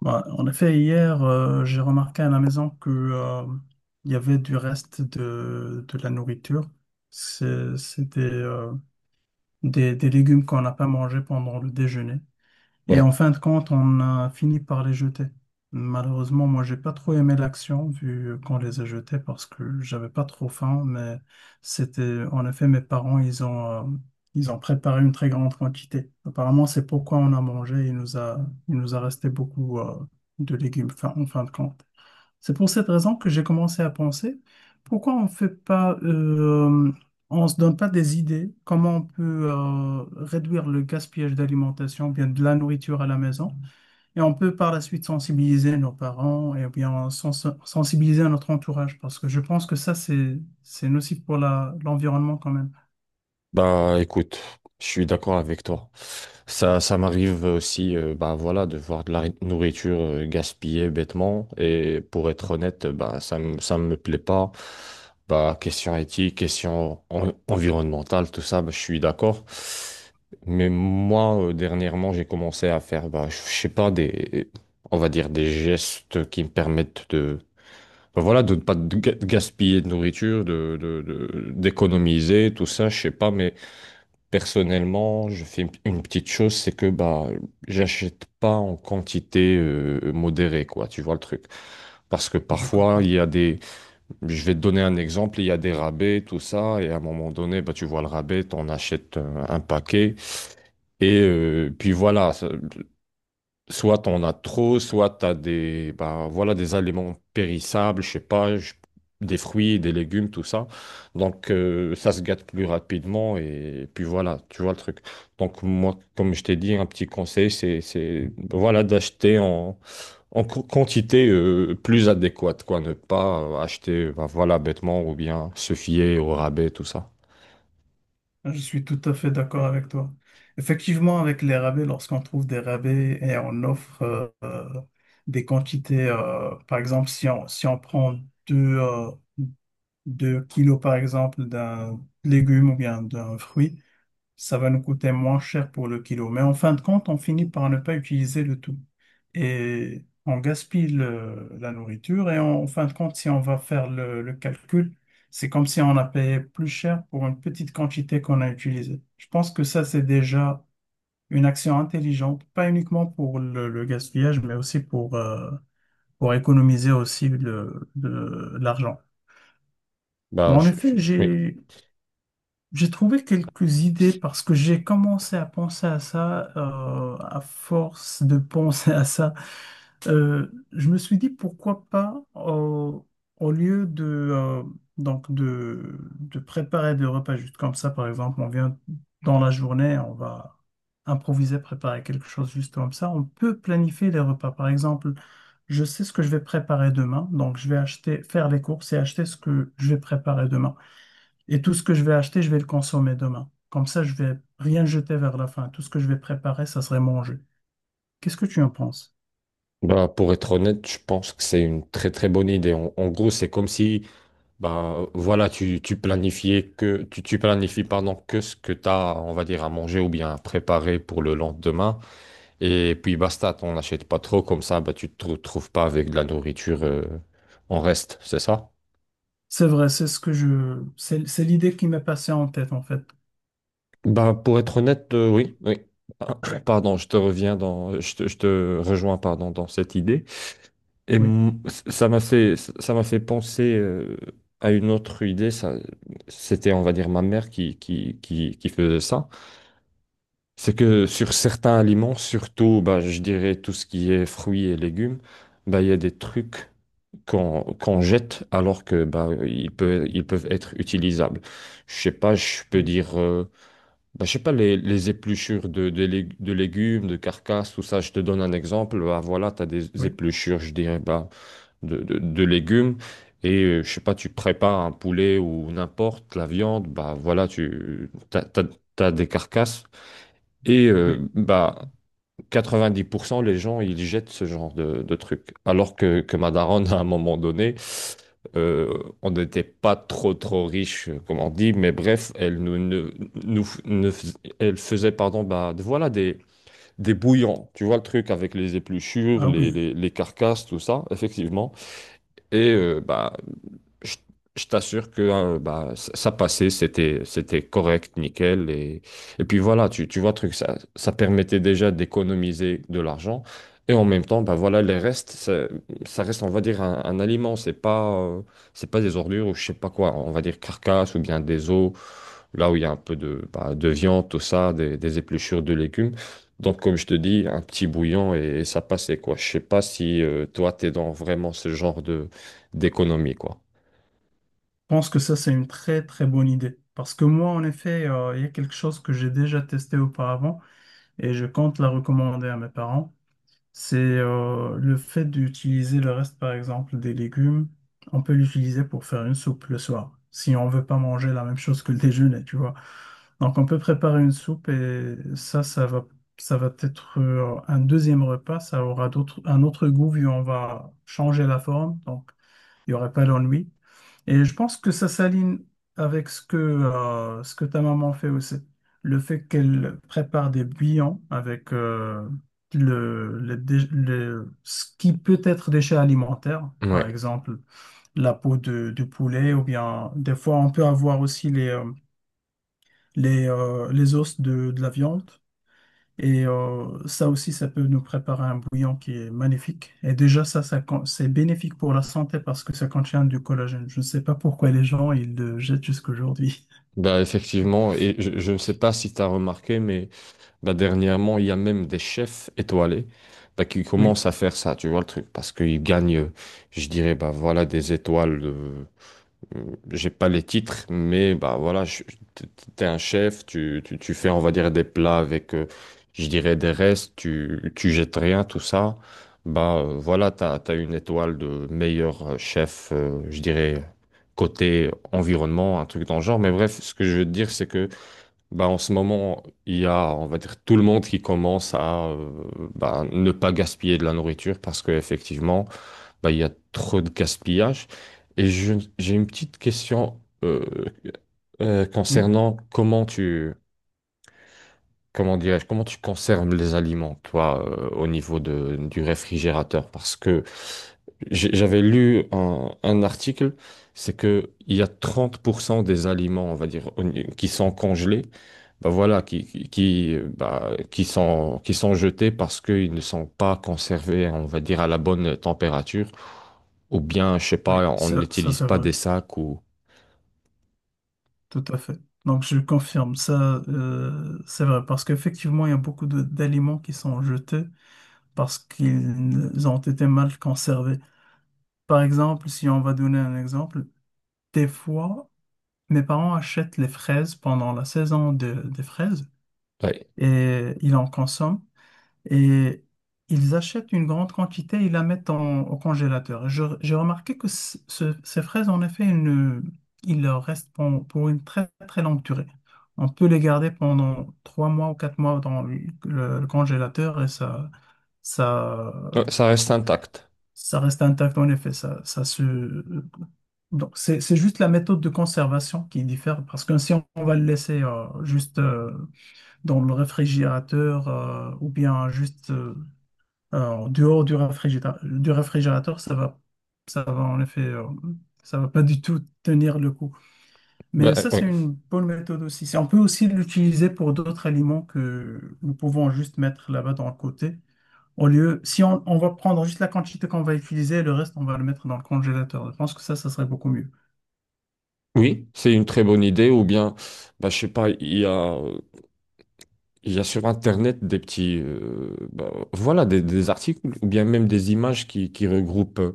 Bah, en effet, hier, j'ai remarqué à la maison que, il y avait du reste de la nourriture. C'était des légumes qu'on n'a pas mangés pendant le déjeuner. Et Ouais, en fin de compte, on a fini par les jeter. Malheureusement, moi, j'ai pas trop aimé l'action vu qu'on les a jetés parce que j'avais pas trop faim, mais c'était, en effet, mes parents, ils ont préparé une très grande quantité. Apparemment, c'est pourquoi on a mangé. Il nous a resté beaucoup, de légumes, en fin de compte. C'est pour cette raison que j'ai commencé à penser, pourquoi on fait pas, on se donne pas des idées, comment on peut réduire le gaspillage d'alimentation, bien de la nourriture à la maison, et on peut par la suite sensibiliser nos parents et bien sensibiliser notre entourage, parce que je pense que ça, c'est nocif pour l'environnement quand même. bah écoute, je suis d'accord avec toi. Ça m'arrive aussi, bah voilà, de voir de la nourriture gaspillée bêtement. Et pour être honnête, bah ça me plaît pas. Bah question éthique, question environnementale, tout ça, bah, je suis d'accord. Mais moi, dernièrement, j'ai commencé à faire, bah je sais pas des, on va dire des gestes qui me permettent de ben voilà, de ne pas de gaspiller de nourriture, d'économiser, tout ça, je sais pas, mais personnellement, je fais une petite chose, c'est que bah, j'achète pas en quantité modérée, quoi, tu vois le truc. Parce que Je parfois, comprends. il y a des, je vais te donner un exemple, il y a des rabais, tout ça, et à un moment donné, bah, tu vois le rabais, t'en achètes un paquet, et puis voilà, soit t'en as trop, soit t'as des, bah, voilà, des aliments périssables, je sais pas, je- des fruits, des légumes, tout ça. Donc, ça se gâte plus rapidement et, puis voilà, tu vois le truc. Donc, moi, comme je t'ai dit, un petit conseil, voilà, d'acheter en, quantité, plus adéquate, quoi. Ne pas acheter, bah, voilà, bêtement ou bien se fier au rabais, tout ça. Je suis tout à fait d'accord avec toi. Effectivement, avec les rabais, lorsqu'on trouve des rabais et on offre des quantités, par exemple, si on prend deux, euh, 2 kilos, par exemple, d'un légume ou bien d'un fruit, ça va nous coûter moins cher pour le kilo. Mais en fin de compte, on finit par ne pas utiliser le tout. Et on gaspille la nourriture. Et en fin de compte, si on va faire le calcul, c'est comme si on a payé plus cher pour une petite quantité qu'on a utilisée. Je pense que ça, c'est déjà une action intelligente, pas uniquement pour le gaspillage, mais aussi pour économiser aussi de l'argent. Bon, Bah, en effet, oui. J'ai trouvé quelques idées parce que j'ai commencé à penser à ça, à force de penser à ça. Je me suis dit pourquoi pas, au lieu de préparer des repas juste comme ça, par exemple, on vient dans la journée, on va improviser, préparer quelque chose juste comme ça, on peut planifier les repas. Par exemple, je sais ce que je vais préparer demain, donc je vais acheter, faire les courses et acheter ce que je vais préparer demain. Et tout ce que je vais acheter, je vais le consommer demain. Comme ça, je vais rien jeter vers la fin. Tout ce que je vais préparer, ça serait manger. Qu'est-ce que tu en penses? Bah, pour être honnête, je pense que c'est une très très bonne idée. En, en gros, c'est comme si ben, voilà, tu planifies pardon, que ce que tu as, on va dire, à manger ou bien à préparer pour le lendemain. Et puis basta, t'en achètes pas trop, comme ça, ben, tu te retrouves pas avec de la nourriture en reste, c'est ça? C'est vrai, c'est ce que je, c'est l'idée qui m'est passée en tête, en fait. Ben, pour être honnête, oui, oui. Ah, pardon, je te rejoins pardon, dans cette idée. Et Oui, m- ça m'a fait penser à une autre idée. Ça, c'était, on va dire, ma mère qui faisait ça. C'est que sur certains aliments, surtout, bah, je dirais tout ce qui est fruits et légumes, bah, il y a des trucs qu'on jette alors que bah, ils peuvent être utilisables. Je sais pas, je peux oui, dire, bah, je sais pas, les épluchures de légumes, de carcasses, tout ça, je te donne un exemple. Bah, voilà, tu as des oui, épluchures, je dirais, bah, de légumes. Et je sais pas, tu prépares un poulet ou n'importe la viande, bah voilà, t'as des carcasses. Et oui. bah 90%, les gens, ils jettent ce genre de trucs. Alors que ma daronne, à un moment donné, euh, on n'était pas trop riche, comme on dit, mais bref, elle nous, ne- nous, ne fais- elle faisait, pardon, bah, voilà, des bouillons. Tu vois le truc avec les épluchures, Ah oui. Les carcasses, tout ça, effectivement. Et bah, je, je t'assure que hein, bah, ça passait, c'était correct, nickel. Et puis voilà, tu vois, le truc, ça permettait déjà d'économiser de l'argent. Et en même temps, bah voilà, ça reste, on va dire, un aliment. C'est pas des ordures ou je sais pas quoi. On va dire carcasse ou bien des os, là où il y a un peu de, bah, de viande, tout ça, des épluchures de légumes. Donc, comme je te dis, un petit bouillon et ça passait, quoi. Je sais pas si toi, t'es dans vraiment ce genre de d'économie, quoi. Je pense que ça, c'est une très, très bonne idée. Parce que moi, en effet, il y a quelque chose que j'ai déjà testé auparavant et je compte la recommander à mes parents. C'est le fait d'utiliser le reste, par exemple, des légumes, on peut l'utiliser pour faire une soupe le soir, si on veut pas manger la même chose que le déjeuner, tu vois. Donc on peut préparer une soupe et ça, ça va être un deuxième repas, ça aura d'autres, un autre goût vu on va changer la forme. Donc il n'y aurait pas d'ennui. Et je pense que ça s'aligne avec ce que ta maman fait aussi. Le fait qu'elle prépare des bouillons avec ce qui peut être déchet alimentaire, par Ouais. exemple la peau du poulet, ou bien des fois on peut avoir aussi les os de la viande. Et ça aussi, ça peut nous préparer un bouillon qui est magnifique. Et déjà, ça, c'est bénéfique pour la santé parce que ça contient du collagène. Je ne sais pas pourquoi les gens, ils le jettent jusqu'aujourd'hui. Bah, effectivement, et je ne sais pas si tu as remarqué, mais bah, dernièrement, il y a même des chefs étoilés bah, qui Oui, commencent à faire ça, tu vois le truc, parce qu'ils gagnent, je dirais, bah, voilà, des étoiles j'ai pas les titres, mais bah voilà, t- t'es un chef, tu fais, on va dire, des plats avec, je dirais, des restes, tu jettes rien, tout ça. Bah voilà, t'as une étoile de meilleur chef, je dirais, côté environnement, un truc dans le genre. Mais bref, ce que je veux te dire, c'est que bah en ce moment, il y a, on va dire, tout le monde qui commence à bah, ne pas gaspiller de la nourriture parce que effectivement bah, il y a trop de gaspillage. J'ai une petite question oui, concernant comment dirais-je, comment tu conserves les aliments, toi, au niveau de, du réfrigérateur. Parce que j'avais lu un article, c'est que il y a 30% des aliments, on va dire, au ni- qui sont congelés, bah voilà, qui sont jetés parce qu'ils ne sont pas conservés, on va dire, à la bonne température. Ou bien, je sais oui, pas, on ça n'utilise c'est pas vrai, des sacs ou… tout à fait. Donc, je confirme, ça, c'est vrai, parce qu'effectivement, il y a beaucoup d'aliments qui sont jetés parce qu'ils ont été mal conservés. Par exemple, si on va donner un exemple, des fois, mes parents achètent les fraises pendant la saison des fraises. Ouais. Et ils en consomment. Et ils achètent une grande quantité et la mettent au congélateur. Et j'ai remarqué que ces fraises, en effet, il leur reste pour une très très longue durée. On peut les garder pendant 3 mois ou 4 mois dans le congélateur et ça, Ouais, ça reste intact. ça reste intact en effet. Ça se. Donc c'est juste la méthode de conservation qui diffère parce que si on, on va le laisser juste dans le réfrigérateur ou bien juste en dehors du réfrigérateur, ça va en effet, ça va pas du tout tenir le coup. Ben, Mais ça, oui, c'est une bonne méthode aussi. On peut aussi l'utiliser pour d'autres aliments que nous pouvons juste mettre là-bas dans le côté au lieu, si on, on va prendre juste la quantité qu'on va utiliser, le reste, on va le mettre dans le congélateur. Je pense que ça serait beaucoup mieux. oui, c'est une très bonne idée. Ou bien, ben, je sais pas, il y a… Il y a sur Internet des petits, bah, voilà, des articles ou bien même des images qui regroupent,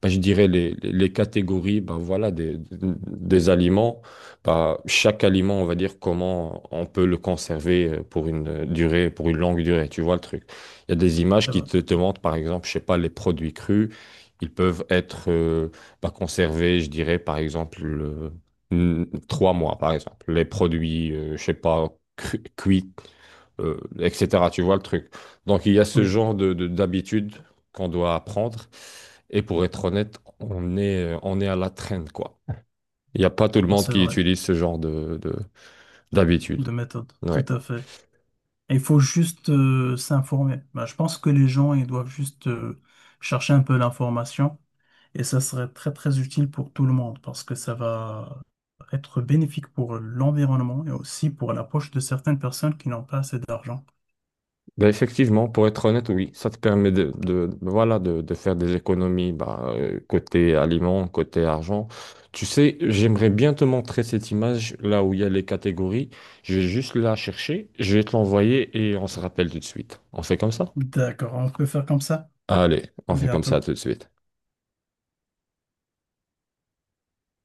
bah, je dirais, les catégories, bah, voilà, des aliments. Bah, chaque aliment, on va dire comment on peut le conserver pour une durée, pour une longue durée, tu vois le truc. Il y a des images C'est qui vrai. Te montrent, par exemple, je sais pas, les produits crus, ils peuvent être bah, conservés, je dirais, par exemple, 3 mois, par exemple. Les produits, je sais pas, cuits etc. Tu vois le truc. Donc il y a ce Oui, genre de, d'habitude qu'on doit apprendre. Et pour être honnête, on est à la traîne, quoi. Il n'y a pas tout le non, monde c'est qui vrai. utilise ce genre de, d'habitude. De méthode. Tout Ouais. à fait. Il faut juste s'informer. Ben, je pense que les gens, ils doivent juste chercher un peu l'information et ça serait très très utile pour tout le monde parce que ça va être bénéfique pour l'environnement et aussi pour la poche de certaines personnes qui n'ont pas assez d'argent. Ben effectivement, pour être honnête, oui, ça te permet de, voilà, de faire des économies bah, côté aliments, côté argent. Tu sais, j'aimerais bien te montrer cette image là où il y a les catégories. Je vais juste la chercher, je vais te l'envoyer et on se rappelle tout de suite. On fait comme ça? D'accord, on peut faire comme ça. Allez, À on fait comme ça bientôt. tout de suite.